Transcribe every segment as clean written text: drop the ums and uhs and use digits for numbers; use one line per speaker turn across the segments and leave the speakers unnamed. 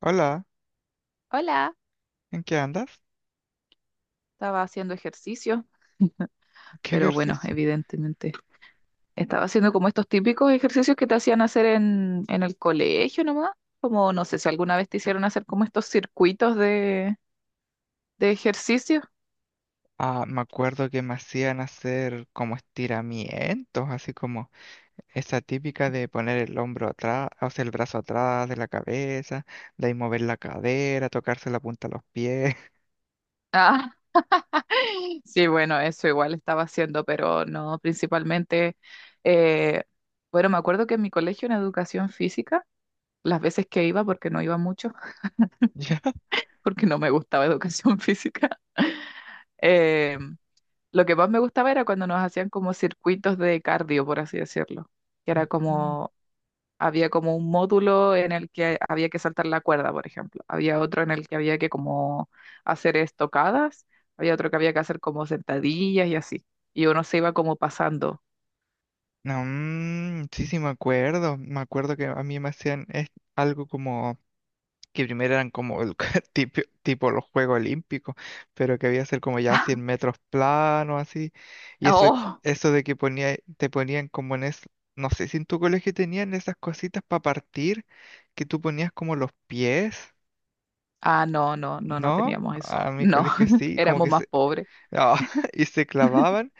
Hola,
Hola,
¿en qué andas?
estaba haciendo ejercicio,
¿Qué
pero bueno,
ejercicio?
evidentemente estaba haciendo como estos típicos ejercicios que te hacían hacer en el colegio nomás, como no sé si alguna vez te hicieron hacer como estos circuitos de ejercicio.
Ah, me acuerdo que me hacían hacer como estiramientos, así como esa típica de poner el hombro atrás, o sea, el brazo atrás de la cabeza, de ahí mover la cadera, tocarse la punta de los pies.
Ah, sí, bueno, eso igual estaba haciendo, pero no, principalmente, eh, bueno, me acuerdo que en mi colegio en educación física, las veces que iba, porque no iba mucho,
¿Ya?
porque no me gustaba educación física. em, lo que más me gustaba era cuando nos hacían como circuitos de cardio, por así decirlo, que era
Mm.
como, había como un módulo en el que había que saltar la cuerda, por ejemplo, había otro en el que había que como hacer estocadas, había otro que había que hacer como sentadillas y así, y uno se iba como pasando.
No, sí, me acuerdo. Me acuerdo que a mí me hacían algo como que primero eran como el, tipo los Juegos Olímpicos, pero que había que ser como ya 100 metros planos así. Y eso,
¡Oh!
eso de que ponía, te ponían como en es, no sé si en tu colegio tenían esas cositas para partir, que tú ponías como los pies,
Ah, no, no, no, no
¿no?
teníamos eso.
A mi
No,
colegio sí, como
éramos
que
más
se,
pobres.
y se clavaban,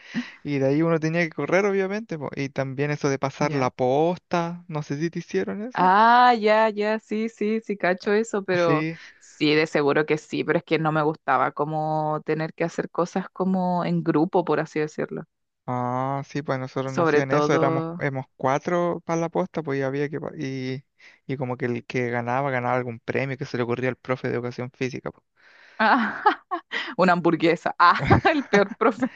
y de ahí uno tenía que correr, obviamente, po. Y también eso de pasar la
Ya.
posta, no sé si te hicieron eso.
Ah, ya, ya, sí, sí, sí, cacho eso, pero
Sí.
sí, de seguro que sí, pero es que no me gustaba como tener que hacer cosas como en grupo, por así decirlo.
Ah, sí, pues nosotros no
Sobre
hacían eso, éramos,
todo
éramos cuatro para la posta, pues y había que, y como que el que ganaba, ganaba algún premio que se le ocurría al profe de educación física, po.
una hamburguesa. Ah, el peor profe.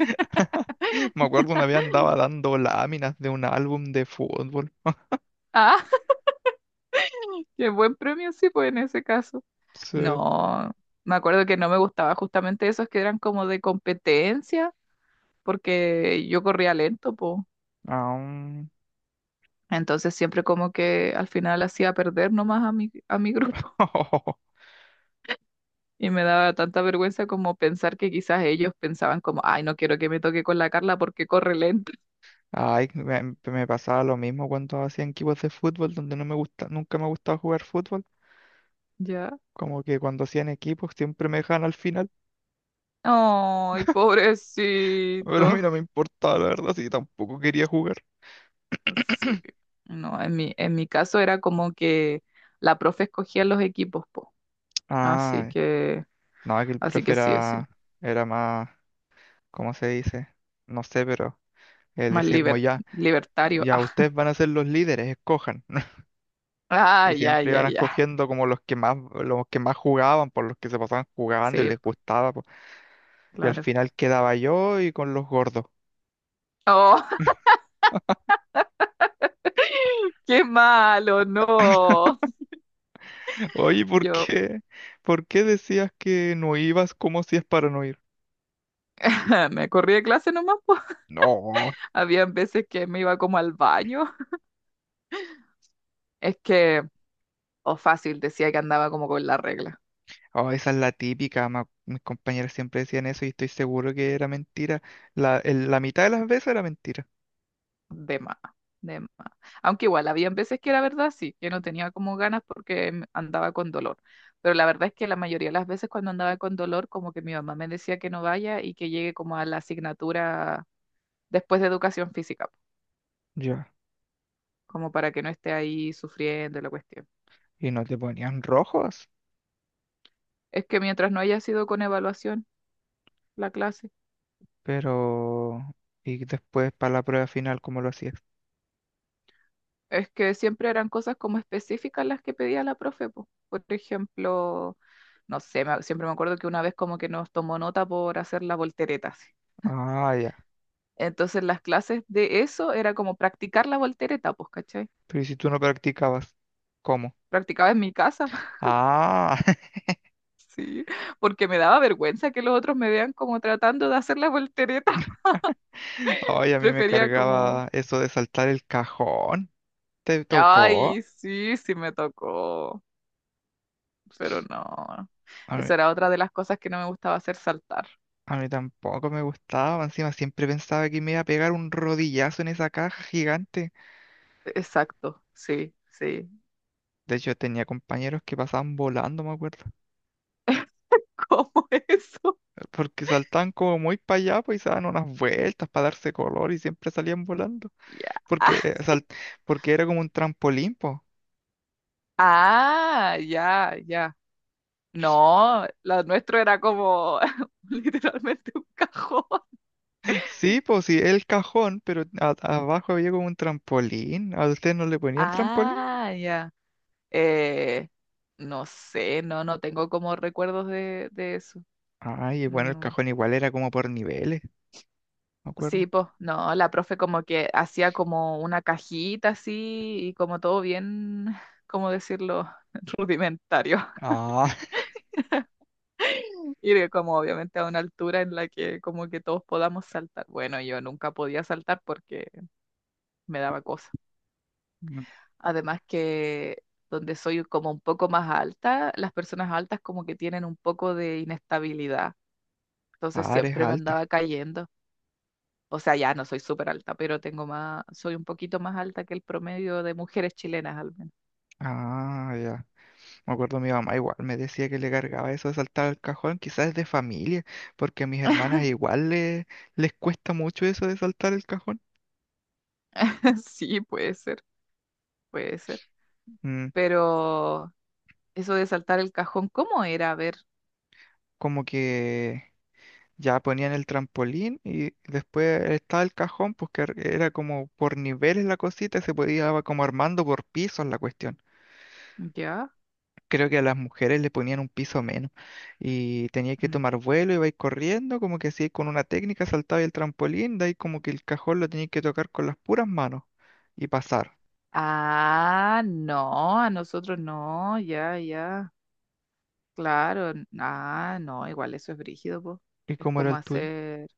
Me acuerdo una vez andaba dando láminas de un álbum de fútbol.
Ah, qué buen premio, sí, pues en ese caso.
Sí.
No, me acuerdo que no me gustaba justamente esos que eran como de competencia, porque yo corría lento, pues.
Ah,
Entonces siempre como que al final hacía perder nomás a mi grupo. Y me daba tanta vergüenza como pensar que quizás ellos pensaban como, ay, no quiero que me toque con la Carla porque corre lento.
ay, me pasaba lo mismo cuando hacían equipos de fútbol, donde no me gusta, nunca me ha gustado jugar fútbol.
¿Ya?
Como que cuando hacían equipos siempre me dejaban al final,
Ay,
pero a mí no
pobrecito.
me importaba, la verdad, si tampoco quería jugar.
Sí. No, en en mi caso era como que la profe escogía los equipos, po. Así
Ah,
que,
no, es que el
así
profe
que sí, sí.
era, era más, ¿cómo se dice? No sé, pero él
Más
decía como
liber-
ya,
Libertario.
ya
Ah,
ustedes van a ser los líderes, escojan.
ah,
Y
ya,
siempre
ya,
iban
ya.
escogiendo como los que más jugaban, por los que se pasaban jugando y
Sí,
les
po,
gustaba, po. Y al
claro.
final quedaba yo y con los gordos.
Oh, qué malo, no.
Oye, ¿por
Yo
qué? ¿Por qué decías que no ibas como si es para no ir?
me corrí de clase nomás, po.
No.
Habían veces que me iba como al baño. Es que, o fácil, decía que andaba como con la regla.
Oh, esa es la típica. Mis compañeros siempre decían eso y estoy seguro que era mentira. La mitad de las veces era mentira.
De más, de más. Aunque igual, habían veces que era verdad, sí, que no tenía como ganas porque andaba con dolor. Pero la verdad es que la mayoría de las veces cuando andaba con dolor, como que mi mamá me decía que no vaya y que llegue como a la asignatura después de educación física,
Ya.
como para que no esté ahí sufriendo la cuestión.
Y no te ponían rojos,
Es que mientras no haya sido con evaluación la clase.
pero... Y después para la prueba final, ¿cómo lo hacías?
Es que siempre eran cosas como específicas las que pedía la profe, po. Por ejemplo, no sé, siempre me acuerdo que una vez como que nos tomó nota por hacer la voltereta, así.
Ah, ya.
Entonces las clases de eso era como practicar la voltereta, pues, ¿cachai?
Pero ¿y si tú no practicabas? ¿Cómo?
Practicaba en mi casa,
Ah,
sí, porque me daba vergüenza que los otros me vean como tratando de hacer la voltereta.
ay, a mí me
Prefería como,
cargaba eso de saltar el cajón. ¿Te tocó?
ay, sí, sí me tocó, pero no.
A mí,
Esa era otra de las cosas que no me gustaba hacer saltar.
a mí tampoco me gustaba. Encima siempre pensaba que me iba a pegar un rodillazo en esa caja gigante.
Exacto, sí, sí.
De hecho, tenía compañeros que pasaban volando, me acuerdo.
¿Cómo eso?
Porque saltaban como muy para allá, pues y se daban unas vueltas para darse color y siempre salían volando.
Ya.
Porque, porque era como un trampolín, po.
Ah, ya, ya. No, lo nuestro era como literalmente un cajón.
Sí, pues sí, el cajón, pero abajo había como un trampolín. ¿A ustedes no le ponían trampolín?
Ah, ya. Eh, no sé, no, no tengo como recuerdos de eso.
Ay, bueno, el
No.
cajón igual era como por niveles, me acuerdo.
Sí, pues, no, la profe como que hacía como una cajita así y como todo bien, ¿cómo decirlo? Rudimentario.
Ah,
Y de como obviamente a una altura en la que como que todos podamos saltar. Bueno, yo nunca podía saltar porque me daba cosa.
Mm.
Además que donde soy como un poco más alta, las personas altas como que tienen un poco de inestabilidad. Entonces
Ah, eres
siempre me
alta.
andaba cayendo. O sea, ya no soy súper alta, pero tengo más, soy un poquito más alta que el promedio de mujeres chilenas al menos.
Ah, ya. Me acuerdo mi mamá igual me decía que le cargaba eso de saltar al cajón, quizás es de familia, porque a mis hermanas igual les cuesta mucho eso de saltar el cajón.
Sí, puede ser, puede ser.
Mm,
Pero eso de saltar el cajón, ¿cómo era? A ver,
como que ya ponían el trampolín y después estaba el cajón, pues que era como por niveles la cosita, y se podía va como armando por pisos la cuestión.
ya.
Creo que a las mujeres le ponían un piso menos y tenía que
Mm.
tomar vuelo, ibais corriendo, como que así con una técnica saltaba el trampolín, de ahí como que el cajón lo tenías que tocar con las puras manos y pasar.
Ah, no, a nosotros no, ya, ya, claro, ah, no, igual eso es brígido, po.
¿Y
Es
cómo era
como
el tuyo?
hacer,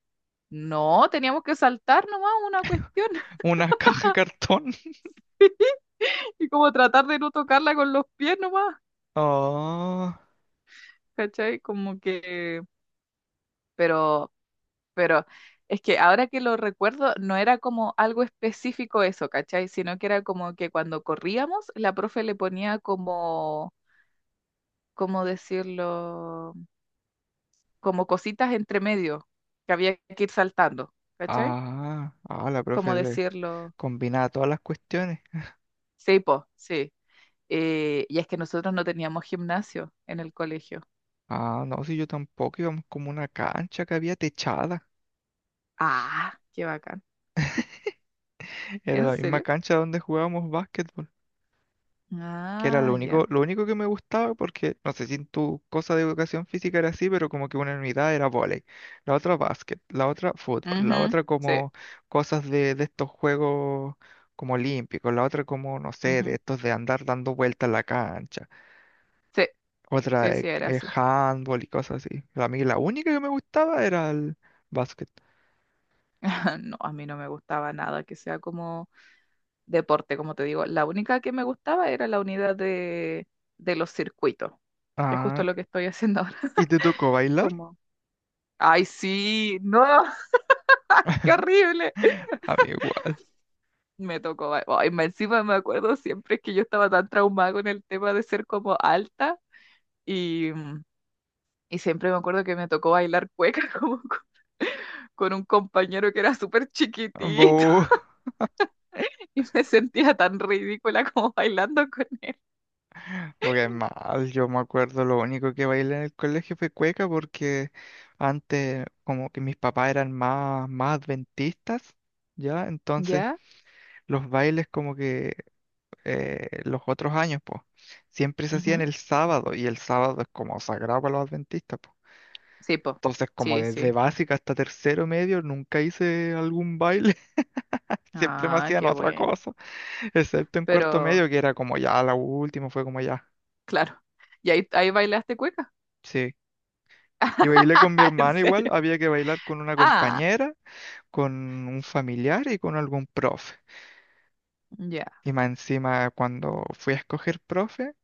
no, teníamos que saltar nomás una cuestión
Una caja de cartón.
y como tratar de no tocarla con los pies nomás,
Oh,
¿cachai? Como que, pero, pero es que ahora que lo recuerdo, no era como algo específico eso, ¿cachai? Sino que era como que cuando corríamos, la profe le ponía como, ¿cómo decirlo? Como cositas entre medio que había que ir saltando, ¿cachai?
ah, la
¿Como
profe le
decirlo?
combinaba todas las cuestiones.
Sí, po, sí. Y es que nosotros no teníamos gimnasio en el colegio.
Ah, no, si yo tampoco íbamos como una cancha que había techada.
Ah, qué bacán.
Era
¿En
la misma
serio?
cancha donde jugábamos básquetbol, que era
Ah, ya.
lo único que me gustaba, porque no sé si en tu cosa de educación física era así, pero como que una unidad era vóley, la otra básquet, la otra fútbol, la
Ujú,
otra
sí,
como cosas de estos juegos como olímpicos, la otra como, no sé, de
ujú.
estos de andar dando vueltas en la cancha,
Sí,
otra
sí, sí, era así.
handball y cosas así. A mí la única que me gustaba era el básquet.
No, a mí no me gustaba nada que sea como deporte, como te digo. La única que me gustaba era la unidad de los circuitos, que es justo
Ah,
lo que estoy haciendo ahora.
¿y te tocó bailar?
Como, ay, sí, no. Qué horrible.
A mí igual.
Me tocó, ay, encima me acuerdo siempre que yo estaba tan traumada con el tema de ser como alta y, y siempre me acuerdo que me tocó bailar cueca como con un compañero que era súper chiquitito
Bu,
y me sentía tan ridícula como bailando con él.
porque mal, yo me acuerdo, lo único que bailé en el colegio fue cueca porque antes como que mis papás eran más, más adventistas, ¿ya? Entonces
¿Ya?
los bailes como que los otros años, pues, siempre se hacían
Ujú.
el sábado y el sábado es como sagrado para los adventistas, pues.
Sí, po.
Entonces como
Sí,
desde
sí.
básica hasta tercero medio nunca hice algún baile, siempre me
Ah,
hacían
qué
otra
bueno.
cosa. Excepto en cuarto
Pero,
medio, que era como ya la última, fue como ya.
claro. ¿Y ahí, ahí bailaste cueca?
Sí. Y bailé con mi
¿En
hermana igual,
serio?
había que bailar con una
Ah,
compañera, con un familiar y con algún profe.
ya,
Y más encima, cuando fui a escoger profe,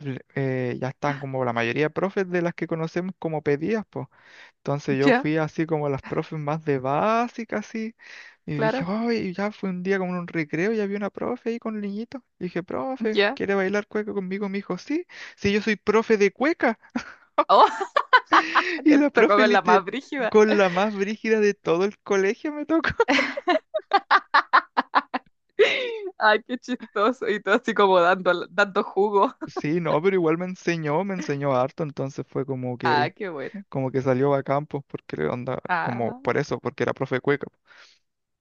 ya están como la mayoría de profes de las que conocemos como pedidas, pues. Entonces yo
ya,
fui así como las profes más de básica, así. Y dije,
claro,
ay ya fue un día como en un recreo y había una profe ahí con niñitos dije, profe,
ya.
¿quiere bailar cueca conmigo? Me dijo, sí, sí, yo soy profe de cueca.
Oh.
Y
Te
la
tocó
profe
con la más
literal,
brígida.
con la más brígida de todo el colegio me tocó.
Ay, qué chistoso. Y todo así como dando, dando jugo.
Sí, no, pero igual me enseñó harto, entonces fue
Ah, qué bueno.
como que salió a campo, porque onda, como
Ah,
por eso, porque era profe de cueca.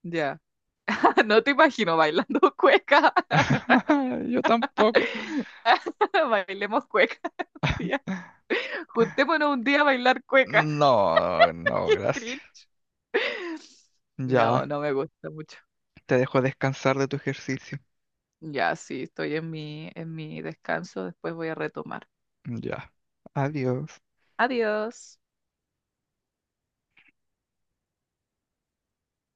ya. No te imagino bailando cueca.
Yo tampoco.
Bailemos cueca un día. Juntémonos un día a bailar cueca.
No, no,
Qué
gracias.
cringe. No,
Ya,
no me gusta mucho.
te dejo descansar de tu ejercicio.
Ya, sí, estoy en en mi descanso. Después voy a retomar.
Ya. Adiós.
Adiós.